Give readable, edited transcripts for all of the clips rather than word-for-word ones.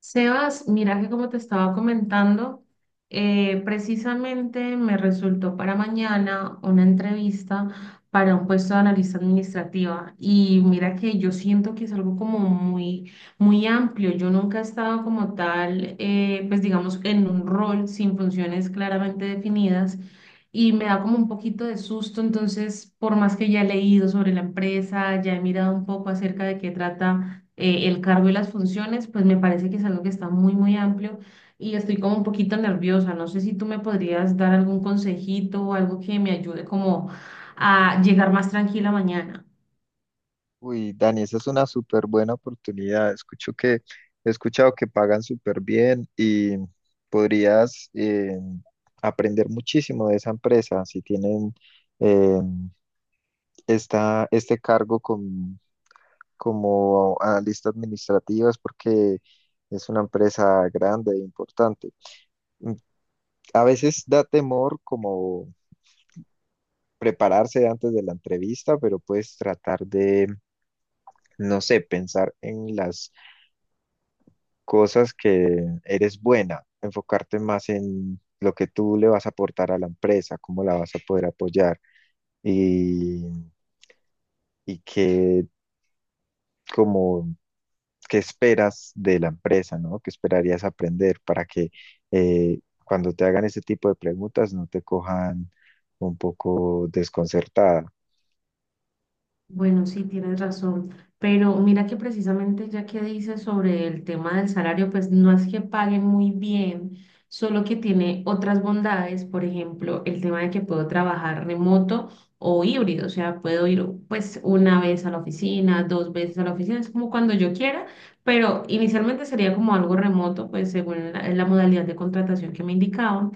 Sebas, mira que como te estaba comentando, precisamente me resultó para mañana una entrevista para un puesto de analista administrativa, y mira que yo siento que es algo como muy, muy amplio. Yo nunca he estado como tal, pues digamos, en un rol sin funciones claramente definidas, y me da como un poquito de susto. Entonces, por más que ya he leído sobre la empresa, ya he mirado un poco acerca de qué trata el cargo y las funciones, pues me parece que es algo que está muy, muy amplio, y estoy como un poquito nerviosa. No sé si tú me podrías dar algún consejito o algo que me ayude como a llegar más tranquila mañana. Uy, Dani, esa es una súper buena oportunidad. He escuchado que pagan súper bien y podrías aprender muchísimo de esa empresa si tienen eh, este cargo como analista administrativa, es porque es una empresa grande e importante. Mm, A veces da temor como prepararse antes de la entrevista, pero puedes tratar de, no sé, pensar en las cosas que eres buena, enfocarte más en lo que tú le vas a aportar a la empresa, cómo la vas a poder apoyar y, y qué, como, qué esperas de la empresa, ¿no? ¿Qué esperarías aprender para que eh, cuando te hagan ese tipo de preguntas no te cojan un poco desconcertada? Bueno, sí, tienes razón, pero mira que precisamente ya que dices sobre el tema del salario, pues no es que paguen muy bien, solo que tiene otras bondades, por ejemplo, el tema de que puedo trabajar remoto o híbrido, o sea, puedo ir pues una vez a la oficina, dos veces a la oficina, es como cuando yo quiera, pero inicialmente sería como algo remoto, pues según la modalidad de contratación que me indicaban,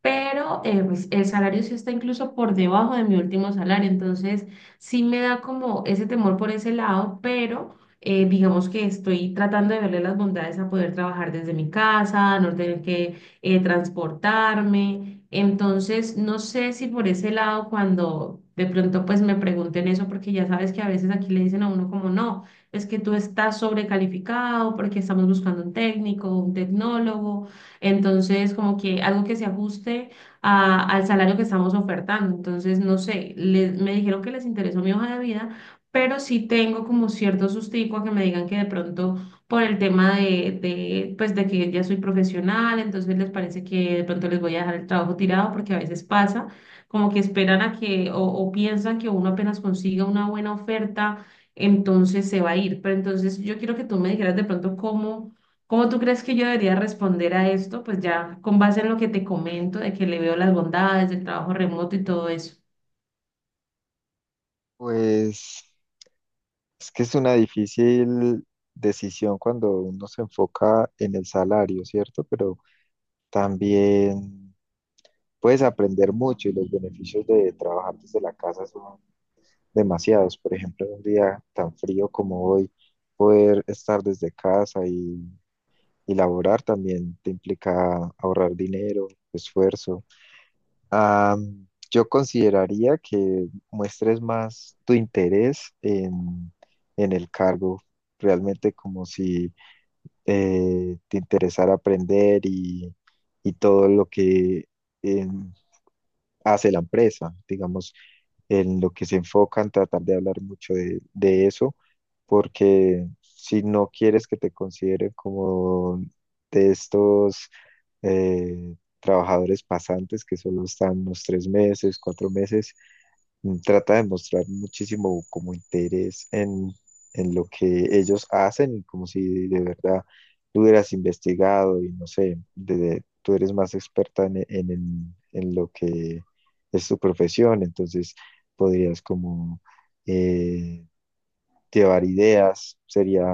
pero pues, el salario sí está incluso por debajo de mi último salario. Entonces sí me da como ese temor por ese lado, pero digamos que estoy tratando de verle las bondades a poder trabajar desde mi casa, a no tener que transportarme. Entonces, no sé si por ese lado cuando de pronto pues me pregunten eso, porque ya sabes que a veces aquí le dicen a uno como no, es que tú estás sobrecalificado porque estamos buscando un técnico, un tecnólogo. Entonces, como que algo que se ajuste al salario que estamos ofertando. Entonces, no sé, me dijeron que les interesó mi hoja de vida, pero sí tengo como cierto sustico a que me digan que de pronto por el tema de pues de que ya soy profesional, entonces les parece que de pronto les voy a dejar el trabajo tirado porque a veces pasa, como que esperan a que o piensan que uno apenas consiga una buena oferta, entonces se va a ir. Pero entonces yo quiero que tú me dijeras de pronto cómo. ¿Cómo tú crees que yo debería responder a esto? Pues ya con base en lo que te comento, de que le veo las bondades del trabajo remoto y todo eso. Pues es que es una difícil decisión cuando uno se enfoca en el salario, ¿cierto? Pero también puedes aprender mucho, y los beneficios de trabajar desde la casa son demasiados. Por ejemplo, en un día tan frío como hoy, poder estar desde casa y laborar también te implica ahorrar dinero, esfuerzo. Ah, yo consideraría que muestres más tu interés en el cargo, realmente como si te interesara aprender y todo lo que... em, hace la empresa. Digamos, en lo que se enfocan, tratar de hablar mucho de eso, porque si no quieres que te consideren como de estos trabajadores pasantes que solo están unos tres meses, cuatro meses, trata de mostrar muchísimo como interés en lo que ellos hacen, como si de verdad tú hubieras investigado y no sé, tú eres más experta en lo que es tu profesión, entonces podrías como eh, llevar ideas, sería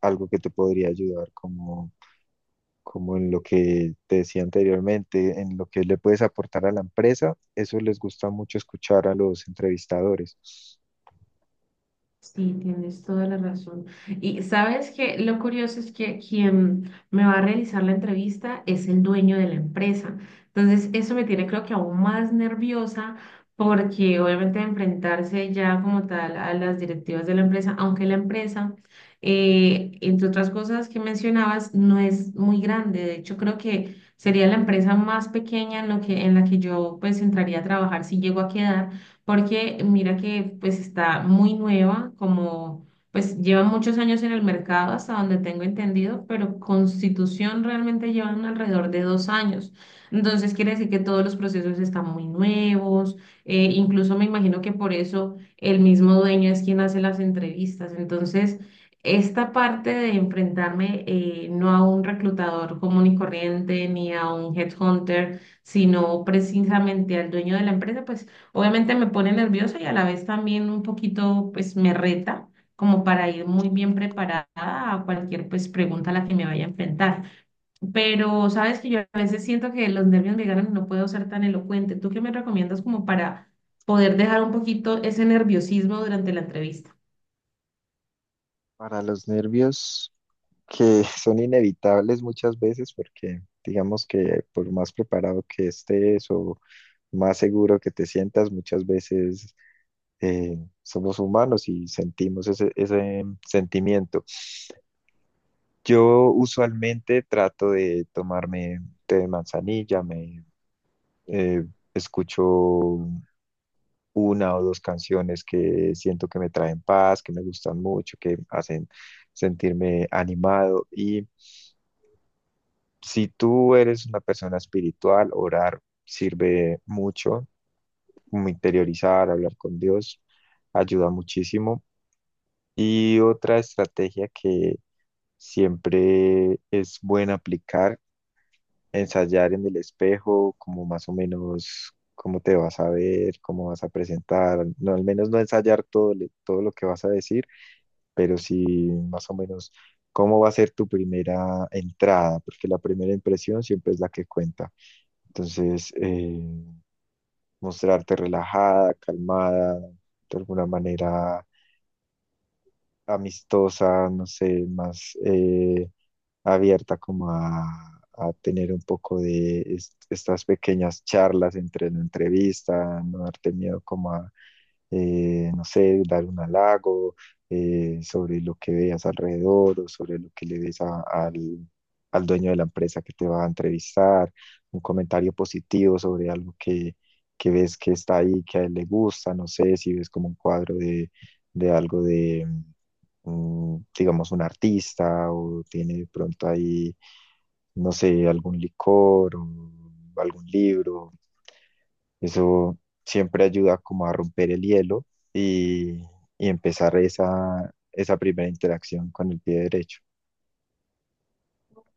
algo que te podría ayudar como como en lo que te decía anteriormente, en lo que le puedes aportar a la empresa, eso les gusta mucho escuchar a los entrevistadores. Sí, tienes toda la razón. Y sabes que lo curioso es que quien me va a realizar la entrevista es el dueño de la empresa. Entonces, eso me tiene creo que aún más nerviosa, porque obviamente enfrentarse ya como tal a las directivas de la empresa, aunque la empresa, entre otras cosas que mencionabas, no es muy grande. De hecho, creo que sería la empresa más pequeña en lo que, en la que yo pues entraría a trabajar si llego a quedar, porque mira que pues está muy nueva, como pues lleva muchos años en el mercado hasta donde tengo entendido, pero Constitución realmente llevan alrededor de dos años. Entonces quiere decir que todos los procesos están muy nuevos. Incluso me imagino que por eso el mismo dueño es quien hace las entrevistas. Entonces, esta parte de enfrentarme no a un reclutador común y corriente ni a un headhunter, sino precisamente al dueño de la empresa, pues obviamente me pone nerviosa y a la vez también un poquito, pues me reta como para ir muy bien preparada a cualquier pues pregunta a la que me vaya a enfrentar. Pero sabes que yo a veces siento que los nervios me ganan y no puedo ser tan elocuente. ¿Tú qué me recomiendas como para poder dejar un poquito ese nerviosismo durante la entrevista? Para los nervios que son inevitables muchas veces, porque digamos que por más preparado que estés o más seguro que te sientas, muchas veces eh, somos humanos y sentimos ese sentimiento. Yo usualmente trato de tomarme té de manzanilla, me eh, escucho una o dos canciones que siento que me traen paz, que me gustan mucho, que hacen sentirme animado. Y si tú eres una persona espiritual, orar sirve mucho, como interiorizar, hablar con Dios, ayuda muchísimo. Y otra estrategia que siempre es buena aplicar, ensayar en el espejo, como más o menos cómo te vas a ver, cómo vas a presentar, no, al menos no ensayar todo, todo lo que vas a decir, pero sí más o menos cómo va a ser tu primera entrada, porque la primera impresión siempre es la que cuenta. Entonces, mostrarte relajada, calmada, de alguna manera amistosa, no sé, más... abierta como a tener un poco de estas pequeñas charlas entre la entrevista, no darte miedo como no sé, dar un halago sobre lo que veas alrededor o sobre lo que le ves al dueño de la empresa que te va a entrevistar, un comentario positivo sobre algo que ves que está ahí, que a él le gusta, no sé, si ves como un cuadro de algo de, mm, digamos, un artista, o tiene de pronto ahí, no sé, algún licor o algún libro. Eso siempre ayuda como a romper el hielo y, y empezar esa primera interacción con el pie derecho. Ok,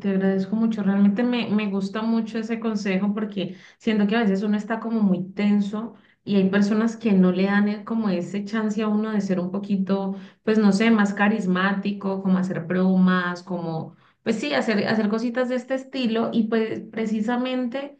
te agradezco mucho. Realmente me gusta mucho ese consejo, porque siento que a veces uno está como muy tenso y hay personas que no le dan como ese chance a uno de ser un poquito, pues no sé, más carismático, como hacer bromas, como, pues sí, hacer, hacer cositas de este estilo. Y pues precisamente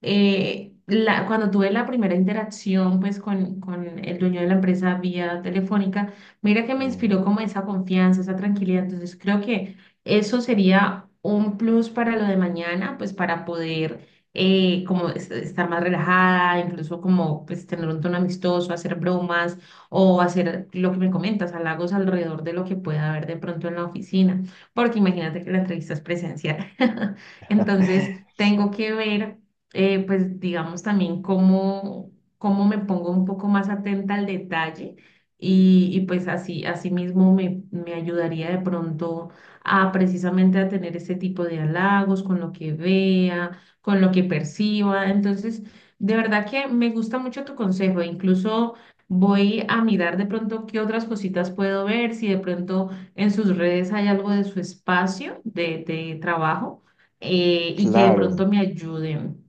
cuando tuve la primera interacción pues con el dueño de la empresa vía telefónica, mira que me Sí. inspiró como esa confianza, esa tranquilidad. Entonces creo que eso sería un plus para lo de mañana, pues para poder como estar más relajada, incluso como pues tener un tono amistoso, hacer bromas o hacer lo que me comentas, halagos alrededor de lo que pueda haber de pronto en la oficina, porque imagínate que la entrevista es presencial. Entonces tengo que ver pues digamos también cómo, cómo me pongo un poco más atenta al detalle, y pues así, así mismo me ayudaría de pronto a precisamente a tener ese tipo de halagos con lo que vea, con lo que perciba. Entonces, de verdad que me gusta mucho tu consejo, e incluso... Voy a mirar de pronto qué otras cositas puedo ver, si de pronto en sus redes hay algo de su espacio de trabajo. Y que de Claro, pronto me ayuden.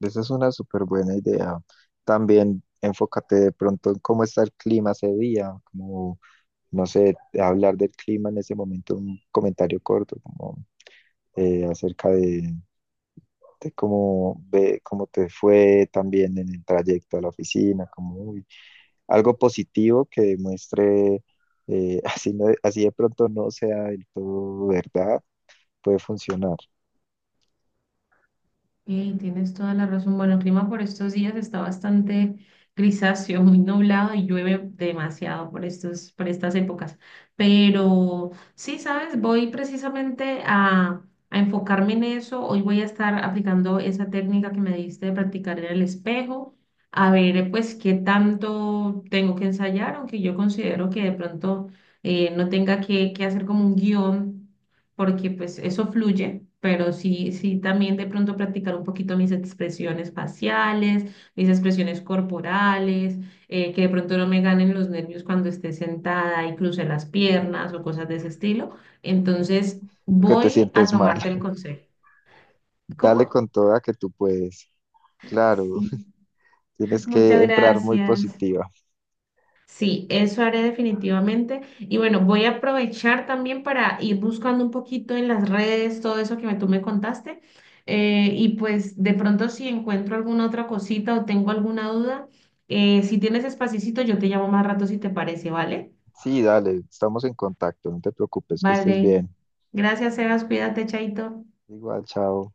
esa es una súper buena idea. También enfócate de pronto en cómo está el clima ese día, como, no sé, hablar del clima en ese momento, un comentario corto, como acerca de cómo ve, cómo te fue también en el trayecto a la oficina, como uy, algo positivo que demuestre, así, así de pronto no sea del todo verdad, puede funcionar, Tienes toda la razón. Bueno, el clima por estos días está bastante grisáceo, muy nublado, y llueve demasiado por por estas épocas. Pero sí, sabes, voy precisamente a enfocarme en eso. Hoy voy a estar aplicando esa técnica que me diste de practicar en el espejo, a ver, pues, qué tanto tengo que ensayar, aunque yo considero que de pronto no tenga que hacer como un guión, porque pues eso fluye, pero sí, sí también de pronto practicar un poquito mis expresiones faciales, mis expresiones corporales, que de pronto no me ganen los nervios cuando esté sentada y cruce las piernas o cosas de ese estilo. Entonces, porque te voy a sientes mal. tomarte el consejo. Dale ¿Cómo? con toda, que tú puedes. Claro, Sí. tienes que Muchas entrar muy gracias. positiva. Sí, eso haré definitivamente. Y bueno, voy a aprovechar también para ir buscando un poquito en las redes todo eso que tú me contaste. Y pues de pronto si encuentro alguna otra cosita o tengo alguna duda, si tienes espacito, yo te llamo más rato si te parece, ¿vale? Sí, dale, estamos en contacto, no te preocupes, que estés Vale. bien. Gracias, Sebas. Cuídate, Chaito. Igual, chao.